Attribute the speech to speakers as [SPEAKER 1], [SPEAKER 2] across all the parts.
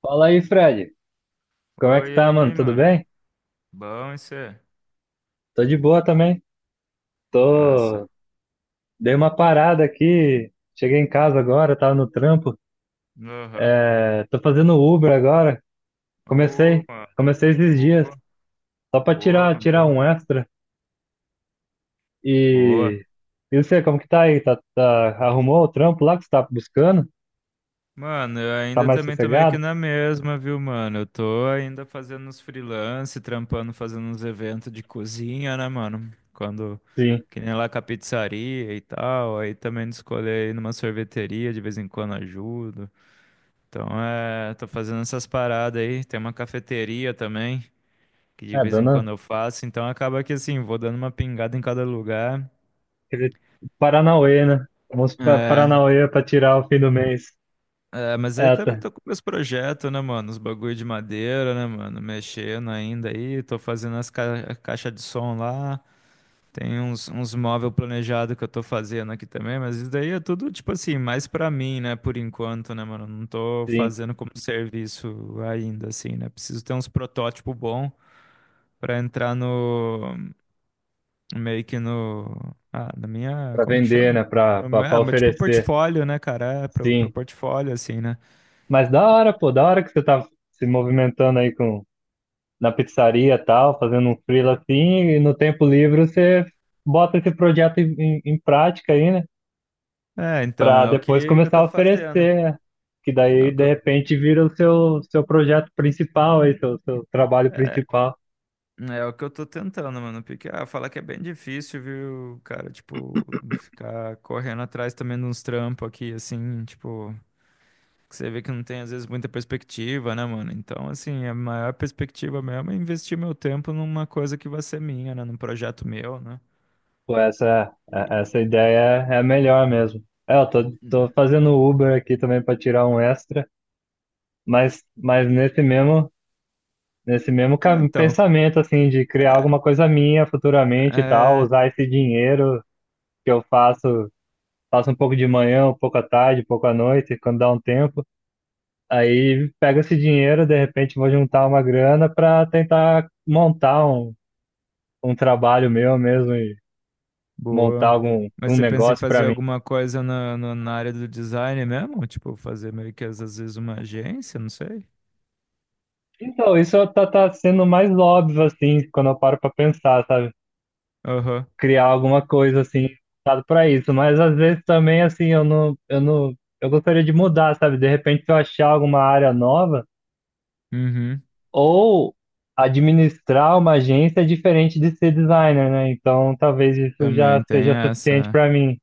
[SPEAKER 1] Fala aí, Fred. Como é
[SPEAKER 2] Oi,
[SPEAKER 1] que
[SPEAKER 2] e
[SPEAKER 1] tá, mano?
[SPEAKER 2] aí,
[SPEAKER 1] Tudo
[SPEAKER 2] mano.
[SPEAKER 1] bem?
[SPEAKER 2] Bom, isso é?
[SPEAKER 1] Tô de boa também. Tô...
[SPEAKER 2] Massa.
[SPEAKER 1] Dei uma parada aqui. Cheguei em casa agora, tava no trampo.
[SPEAKER 2] Aham.
[SPEAKER 1] Tô fazendo Uber agora.
[SPEAKER 2] Ô,
[SPEAKER 1] Comecei.
[SPEAKER 2] mano.
[SPEAKER 1] Comecei esses dias.
[SPEAKER 2] Boa,
[SPEAKER 1] Só pra
[SPEAKER 2] boa,
[SPEAKER 1] tirar
[SPEAKER 2] boa.
[SPEAKER 1] um extra.
[SPEAKER 2] Boa.
[SPEAKER 1] E... E você, como que tá aí? Tá... Arrumou o trampo lá que você tá buscando?
[SPEAKER 2] Mano, eu
[SPEAKER 1] Tá
[SPEAKER 2] ainda
[SPEAKER 1] mais
[SPEAKER 2] também tô meio
[SPEAKER 1] sossegado?
[SPEAKER 2] que na mesma, viu, mano? Eu tô ainda fazendo uns freelance, trampando, fazendo uns eventos de cozinha, né, mano?
[SPEAKER 1] Sim.
[SPEAKER 2] Que nem lá com a pizzaria e tal. Aí também de escolher ir numa sorveteria, de vez em quando ajudo. Então, tô fazendo essas paradas aí. Tem uma cafeteria também, que de
[SPEAKER 1] É,
[SPEAKER 2] vez em
[SPEAKER 1] dona...
[SPEAKER 2] quando eu faço, então acaba que, assim, vou dando uma pingada em cada lugar.
[SPEAKER 1] Aquele Paranauê, né? Vamos pra
[SPEAKER 2] É,
[SPEAKER 1] Paranauê pra tirar o fim do mês.
[SPEAKER 2] é, mas aí
[SPEAKER 1] É,
[SPEAKER 2] também
[SPEAKER 1] tá.
[SPEAKER 2] tô com meus projetos, né, mano? Os bagulho de madeira, né, mano? Mexendo ainda aí, tô fazendo as ca caixas de som lá. Tem uns móvel planejado que eu tô fazendo aqui também, mas isso daí é tudo, tipo assim, mais pra mim, né, por enquanto, né, mano? Não tô
[SPEAKER 1] Sim.
[SPEAKER 2] fazendo como serviço ainda, assim, né? Preciso ter uns protótipos bons pra entrar no, meio que no, ah, na minha.
[SPEAKER 1] Pra
[SPEAKER 2] Como que
[SPEAKER 1] vender,
[SPEAKER 2] chama?
[SPEAKER 1] né? Pra,
[SPEAKER 2] No
[SPEAKER 1] pra, pra
[SPEAKER 2] É, mas tipo
[SPEAKER 1] oferecer.
[SPEAKER 2] portfólio, né, cara? É, pro
[SPEAKER 1] Sim.
[SPEAKER 2] portfólio, assim, né?
[SPEAKER 1] Mas da hora, pô, da hora que você tá se movimentando aí, na pizzaria e tal, fazendo um freela assim, e no tempo livre você bota esse projeto em prática aí, né?
[SPEAKER 2] É, então,
[SPEAKER 1] Pra
[SPEAKER 2] é o
[SPEAKER 1] depois
[SPEAKER 2] que eu
[SPEAKER 1] começar a
[SPEAKER 2] tô fazendo.
[SPEAKER 1] oferecer, né? Que
[SPEAKER 2] É
[SPEAKER 1] daí,
[SPEAKER 2] o que
[SPEAKER 1] de
[SPEAKER 2] eu,
[SPEAKER 1] repente, vira o seu projeto principal aí, seu trabalho
[SPEAKER 2] é,
[SPEAKER 1] principal.
[SPEAKER 2] É o que eu tô tentando, mano. Porque, ah, falar que é bem difícil, viu, cara? Tipo, ficar correndo atrás também de uns trampos aqui, assim, tipo, que você vê que não tem, às vezes, muita perspectiva, né, mano? Então, assim, a maior perspectiva mesmo é investir meu tempo numa coisa que vai ser minha, né? Num projeto meu, né?
[SPEAKER 1] Pô, essa ideia é a melhor mesmo. É, eu tô, tô fazendo Uber aqui também para tirar um extra, mas nesse mesmo.
[SPEAKER 2] É, então,
[SPEAKER 1] Pensamento, assim, de criar alguma coisa minha futuramente e tal,
[SPEAKER 2] é,
[SPEAKER 1] usar esse dinheiro que eu faço um pouco de manhã, um pouco à tarde, um pouco à noite, quando dá um tempo. Aí pego esse dinheiro, de repente vou juntar uma grana para tentar montar um trabalho meu mesmo e montar
[SPEAKER 2] boa.
[SPEAKER 1] algum
[SPEAKER 2] Mas
[SPEAKER 1] um
[SPEAKER 2] você pensa em
[SPEAKER 1] negócio para
[SPEAKER 2] fazer
[SPEAKER 1] mim.
[SPEAKER 2] alguma coisa na área do design mesmo? Tipo, fazer meio que às vezes uma agência, não sei.
[SPEAKER 1] Então, isso tá sendo mais óbvio, assim, quando eu paro para pensar, sabe?
[SPEAKER 2] Aham.
[SPEAKER 1] Criar alguma coisa assim voltado para isso, mas às vezes também assim eu não eu não eu gostaria de mudar, sabe? De repente se eu achar alguma área nova
[SPEAKER 2] Uhum.
[SPEAKER 1] ou administrar uma agência é diferente de ser designer, né? Então talvez isso já
[SPEAKER 2] Também tem
[SPEAKER 1] seja suficiente
[SPEAKER 2] essa.
[SPEAKER 1] para mim.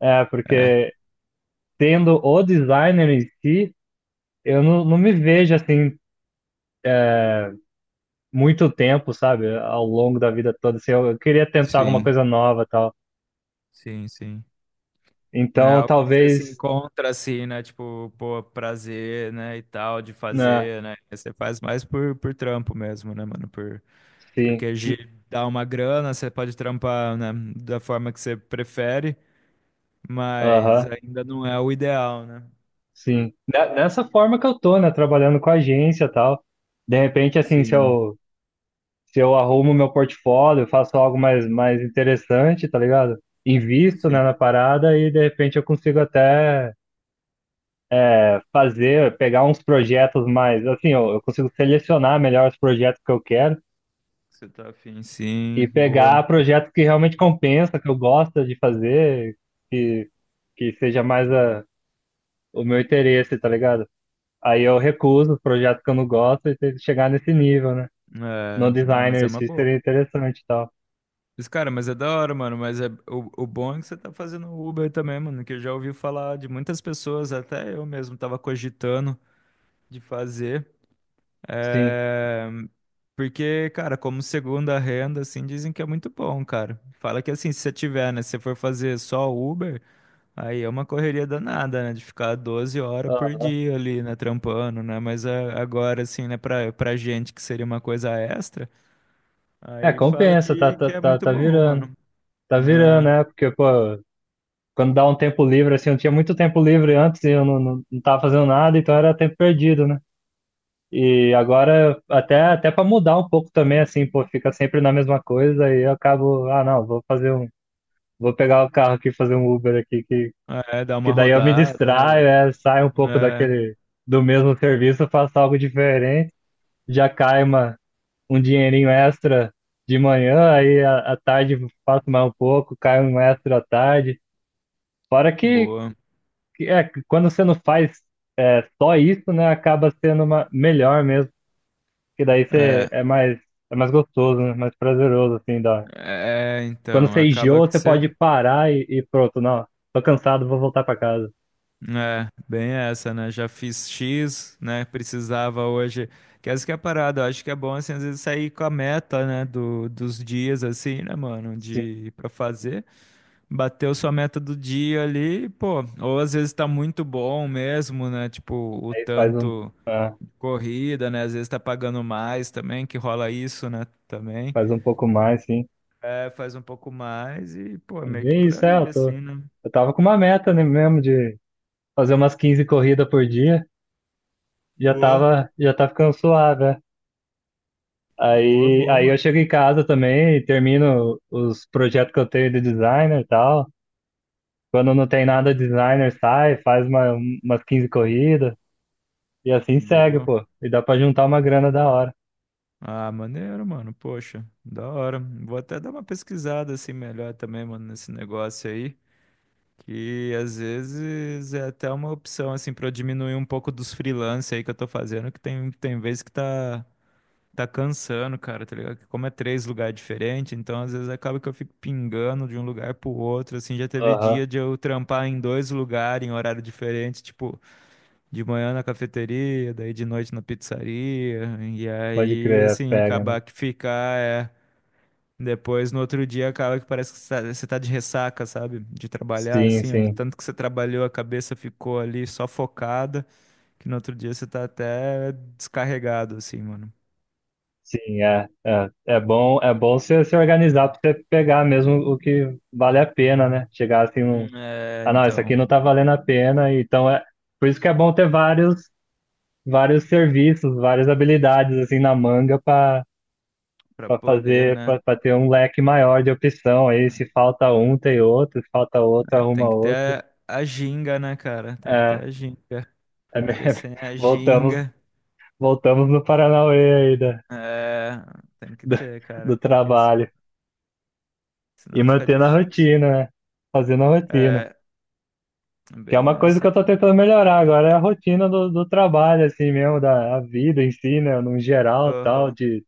[SPEAKER 1] É,
[SPEAKER 2] É. É.
[SPEAKER 1] porque tendo o designer em si, eu não, não me vejo assim muito tempo, sabe? Ao longo da vida toda, assim, eu queria tentar alguma
[SPEAKER 2] Sim.
[SPEAKER 1] coisa nova, e tal.
[SPEAKER 2] Sim, sim. Não é
[SPEAKER 1] Então
[SPEAKER 2] algo que você se
[SPEAKER 1] talvez,
[SPEAKER 2] encontra assim, né? Tipo, pô, prazer, né? E tal, de
[SPEAKER 1] né?
[SPEAKER 2] fazer, né? Você faz mais por trampo mesmo, né, mano? Por,
[SPEAKER 1] Sim.
[SPEAKER 2] porque gi- dá uma grana, você pode trampar, né? Da forma que você prefere, mas
[SPEAKER 1] Aham.
[SPEAKER 2] ainda não é o ideal, né?
[SPEAKER 1] Sim. Nessa forma que eu tô, né? Trabalhando com agência e tal. De repente, assim,
[SPEAKER 2] Sim.
[SPEAKER 1] se eu arrumo meu portfólio, faço algo mais interessante, tá ligado? Invisto, né,
[SPEAKER 2] Sim,
[SPEAKER 1] na parada e de repente eu consigo até é, fazer, pegar uns projetos mais, assim, eu consigo selecionar melhor os projetos que eu quero
[SPEAKER 2] você tá afim, sim,
[SPEAKER 1] e
[SPEAKER 2] boa.
[SPEAKER 1] pegar projetos que realmente compensa, que eu gosto de fazer, que, que seja mais a, o meu interesse, tá ligado? Aí eu recuso os projetos que eu não gosto e tem que chegar nesse nível, né? No
[SPEAKER 2] É, ah, mas
[SPEAKER 1] designer,
[SPEAKER 2] é
[SPEAKER 1] isso
[SPEAKER 2] uma boa.
[SPEAKER 1] seria interessante e tal.
[SPEAKER 2] Mas, cara, mas é da hora, mano. Mas é, o bom é que você tá fazendo Uber também, mano. Que eu já ouvi falar de muitas pessoas, até eu mesmo tava cogitando de fazer.
[SPEAKER 1] Sim.
[SPEAKER 2] É, porque, cara, como segunda renda, assim, dizem que é muito bom, cara. Fala que, assim, se você tiver, né? Se você for fazer só Uber, aí é uma correria danada, né? De ficar 12 horas por
[SPEAKER 1] Aham.
[SPEAKER 2] dia ali, né? Trampando, né? Mas agora, assim, né? Pra, pra gente que seria uma coisa extra,
[SPEAKER 1] É,
[SPEAKER 2] aí fala
[SPEAKER 1] compensa, tá, tá,
[SPEAKER 2] que é
[SPEAKER 1] tá,
[SPEAKER 2] muito
[SPEAKER 1] tá
[SPEAKER 2] bom,
[SPEAKER 1] virando.
[SPEAKER 2] mano.
[SPEAKER 1] Tá virando, né? Porque, pô, quando dá um tempo livre, assim, eu tinha muito tempo livre antes e eu não tava fazendo nada, então era tempo perdido, né? E agora, até para mudar um pouco também, assim, pô, fica sempre na mesma coisa e eu acabo, ah, não, vou fazer um. Vou pegar o carro aqui, e fazer um Uber aqui, que
[SPEAKER 2] É, é dar
[SPEAKER 1] que
[SPEAKER 2] uma
[SPEAKER 1] daí eu me
[SPEAKER 2] rodada, né, velho?
[SPEAKER 1] distraio, é, saio um pouco
[SPEAKER 2] É,
[SPEAKER 1] daquele do mesmo serviço, faço algo diferente, já cai um dinheirinho extra de manhã, aí à tarde faço mais um pouco, cai um extra à tarde. Fora
[SPEAKER 2] boa.
[SPEAKER 1] que é, que quando você não faz é, só isso, né, acaba sendo uma, melhor mesmo, que daí
[SPEAKER 2] É,
[SPEAKER 1] é mais gostoso, né, mais prazeroso, assim, da...
[SPEAKER 2] é,
[SPEAKER 1] Quando
[SPEAKER 2] então,
[SPEAKER 1] você
[SPEAKER 2] acaba
[SPEAKER 1] enjoa,
[SPEAKER 2] que
[SPEAKER 1] você pode
[SPEAKER 2] você.
[SPEAKER 1] parar e pronto, não, tô cansado, vou voltar para casa.
[SPEAKER 2] É, bem essa, né? Já fiz X, né? Precisava hoje. Que essa que é a parada, eu acho que é bom, assim, às vezes sair com a meta, né? Dos dias, assim, né, mano?
[SPEAKER 1] Sim.
[SPEAKER 2] De, pra fazer. Bateu sua meta do dia ali, pô. Ou às vezes tá muito bom mesmo, né? Tipo, o
[SPEAKER 1] Aí faz um...
[SPEAKER 2] tanto
[SPEAKER 1] ah,
[SPEAKER 2] corrida, né? Às vezes tá pagando mais também, que rola isso, né? Também.
[SPEAKER 1] faz um pouco mais, sim.
[SPEAKER 2] É, faz um pouco mais e, pô, é
[SPEAKER 1] É
[SPEAKER 2] meio que
[SPEAKER 1] bem
[SPEAKER 2] por
[SPEAKER 1] isso, é,
[SPEAKER 2] aí, assim, né?
[SPEAKER 1] eu tava com uma meta, né, mesmo de fazer umas 15 corridas por dia,
[SPEAKER 2] Boa,
[SPEAKER 1] já tá ficando suave, né?
[SPEAKER 2] boa,
[SPEAKER 1] Aí,
[SPEAKER 2] boa,
[SPEAKER 1] aí eu
[SPEAKER 2] mano.
[SPEAKER 1] chego em casa também e termino os projetos que eu tenho de designer e tal. Quando não tem nada designer, sai, faz umas 15 corridas e assim segue,
[SPEAKER 2] Boa.
[SPEAKER 1] pô. E dá pra juntar uma grana da hora.
[SPEAKER 2] Ah, maneiro, mano. Poxa, da hora. Vou até dar uma pesquisada assim melhor também, mano, nesse negócio aí. Que às vezes é até uma opção, assim, pra eu diminuir um pouco dos freelance aí que eu tô fazendo, que tem vezes que tá, tá cansando, cara, tá ligado? Que como é três lugares diferentes, então às vezes acaba que eu fico pingando de um lugar pro outro, assim, já teve
[SPEAKER 1] Aham,
[SPEAKER 2] dia de eu trampar em dois lugares, em horário diferente, tipo, de manhã na cafeteria, daí de noite na pizzaria, e
[SPEAKER 1] pode
[SPEAKER 2] aí,
[SPEAKER 1] crer, é,
[SPEAKER 2] assim,
[SPEAKER 1] pega, né?
[SPEAKER 2] acabar que ficar, é. Depois, no outro dia, acaba que parece que você tá de ressaca, sabe? De trabalhar,
[SPEAKER 1] Sim,
[SPEAKER 2] assim, ó.
[SPEAKER 1] sim.
[SPEAKER 2] Tanto que você trabalhou, a cabeça ficou ali só focada, que no outro dia você tá até descarregado, assim, mano.
[SPEAKER 1] Sim, é bom você se organizar para você pegar mesmo o que vale a pena, né? Chegar assim, num,
[SPEAKER 2] É,
[SPEAKER 1] ah, não, isso
[SPEAKER 2] então,
[SPEAKER 1] aqui não tá valendo a pena, então é por isso que é bom ter vários, vários serviços, várias habilidades assim na manga
[SPEAKER 2] pra
[SPEAKER 1] para
[SPEAKER 2] poder,
[SPEAKER 1] fazer,
[SPEAKER 2] né?
[SPEAKER 1] para ter um leque maior de opção. Aí se falta um, tem outro, se falta outro,
[SPEAKER 2] É, tem
[SPEAKER 1] arruma
[SPEAKER 2] que ter
[SPEAKER 1] outro.
[SPEAKER 2] a ginga, né, cara? Tem que ter
[SPEAKER 1] É,
[SPEAKER 2] a ginga.
[SPEAKER 1] é me-
[SPEAKER 2] Porque sem a
[SPEAKER 1] voltamos,
[SPEAKER 2] ginga,
[SPEAKER 1] voltamos no Paranauê aí
[SPEAKER 2] é, tem que
[SPEAKER 1] do,
[SPEAKER 2] ter, cara,
[SPEAKER 1] do
[SPEAKER 2] porque, assim,
[SPEAKER 1] trabalho e
[SPEAKER 2] senão fica
[SPEAKER 1] mantendo a
[SPEAKER 2] difícil.
[SPEAKER 1] rotina, né? Fazendo a rotina.
[SPEAKER 2] É,
[SPEAKER 1] Que é
[SPEAKER 2] bem
[SPEAKER 1] uma coisa que
[SPEAKER 2] essa,
[SPEAKER 1] eu tô
[SPEAKER 2] mano.
[SPEAKER 1] tentando melhorar agora, é a rotina do trabalho, assim mesmo, da a vida em si, né? No geral, tal,
[SPEAKER 2] Aham,
[SPEAKER 1] de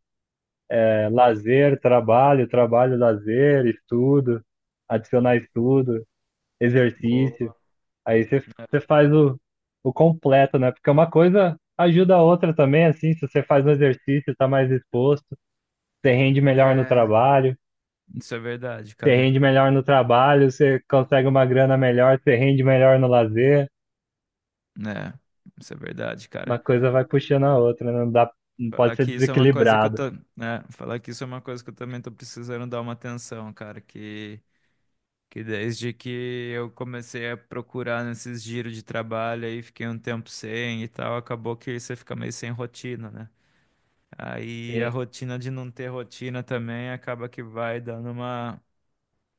[SPEAKER 1] é, lazer, trabalho, trabalho, lazer, estudo, adicionar estudo, exercício.
[SPEAKER 2] boa.
[SPEAKER 1] Aí você faz o completo, né? Porque uma coisa ajuda a outra também, assim, se você faz um exercício, tá mais exposto, você rende melhor no
[SPEAKER 2] É.
[SPEAKER 1] trabalho,
[SPEAKER 2] Isso é verdade,
[SPEAKER 1] você
[SPEAKER 2] cara.
[SPEAKER 1] rende melhor no trabalho, você consegue uma grana melhor, você rende melhor no lazer.
[SPEAKER 2] É, isso é verdade,
[SPEAKER 1] Uma
[SPEAKER 2] cara.
[SPEAKER 1] coisa vai puxando a outra, né? Não pode
[SPEAKER 2] Falar
[SPEAKER 1] ser
[SPEAKER 2] que isso é uma coisa que eu
[SPEAKER 1] desequilibrado.
[SPEAKER 2] tô, né, falar que isso é uma coisa que eu também tô precisando dar uma atenção, cara, que desde que eu comecei a procurar nesses giros de trabalho aí, fiquei um tempo sem e tal, acabou que você fica meio sem rotina, né? Aí a
[SPEAKER 1] Sim,
[SPEAKER 2] rotina de não ter rotina também acaba que vai dando uma.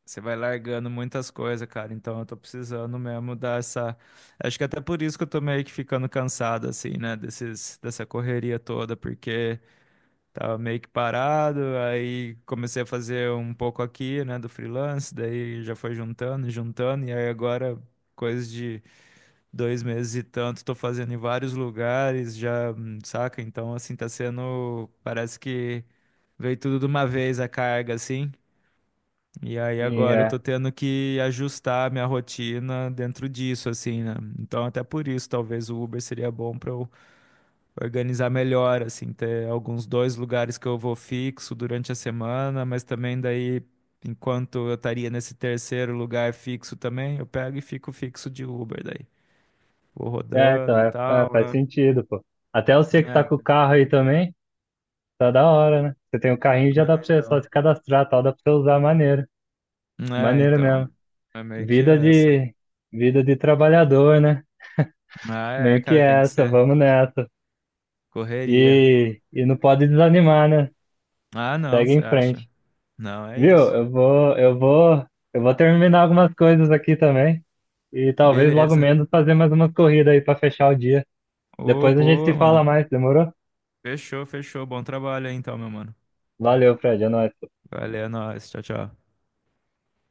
[SPEAKER 2] Você vai largando muitas coisas, cara. Então eu tô precisando mesmo dar essa. Acho que até por isso que eu tô meio que ficando cansado, assim, né? Desses, dessa correria toda, porque tava meio que parado, aí comecei a fazer um pouco aqui, né, do freelance, daí já foi juntando, e juntando, e aí agora, coisa de 2 meses e tanto, tô fazendo em vários lugares, já, saca? Então, assim, tá sendo. Parece que veio tudo de uma vez a carga, assim. E aí
[SPEAKER 1] sim,
[SPEAKER 2] agora eu
[SPEAKER 1] é.
[SPEAKER 2] tô tendo que ajustar a minha rotina dentro disso, assim, né? Então até por isso, talvez o Uber seria bom pra eu organizar melhor, assim, ter alguns dois lugares que eu vou fixo durante a semana, mas também daí, enquanto eu estaria nesse terceiro lugar fixo também, eu pego e fico fixo de Uber daí. Vou
[SPEAKER 1] É, então,
[SPEAKER 2] rodando e tal,
[SPEAKER 1] faz
[SPEAKER 2] né?
[SPEAKER 1] sentido, pô. Até você que tá
[SPEAKER 2] É,
[SPEAKER 1] com o carro aí também, tá da hora, né? Você tem o carrinho, já dá pra
[SPEAKER 2] é,
[SPEAKER 1] você só
[SPEAKER 2] então.
[SPEAKER 1] se cadastrar, tal, dá pra você usar, maneiro.
[SPEAKER 2] É,
[SPEAKER 1] Maneiro
[SPEAKER 2] então.
[SPEAKER 1] mesmo.
[SPEAKER 2] É meio que
[SPEAKER 1] Vida
[SPEAKER 2] essa.
[SPEAKER 1] de, Vida de trabalhador, né?
[SPEAKER 2] Ah, é,
[SPEAKER 1] Meio que
[SPEAKER 2] cara, tem que
[SPEAKER 1] essa,
[SPEAKER 2] ser
[SPEAKER 1] vamos nessa.
[SPEAKER 2] correria.
[SPEAKER 1] E não pode desanimar, né?
[SPEAKER 2] Ah, não,
[SPEAKER 1] Segue
[SPEAKER 2] você
[SPEAKER 1] em frente.
[SPEAKER 2] acha? Não, é
[SPEAKER 1] Viu?
[SPEAKER 2] isso.
[SPEAKER 1] Eu vou terminar algumas coisas aqui também. E talvez logo
[SPEAKER 2] Beleza.
[SPEAKER 1] menos fazer mais umas corridas aí pra fechar o dia.
[SPEAKER 2] Ô,
[SPEAKER 1] Depois a gente se
[SPEAKER 2] boa, mano.
[SPEAKER 1] fala mais, demorou?
[SPEAKER 2] Fechou, fechou. Bom trabalho aí então, meu mano.
[SPEAKER 1] Valeu, Fred, é nóis.
[SPEAKER 2] Valeu, é nóis. Tchau, tchau.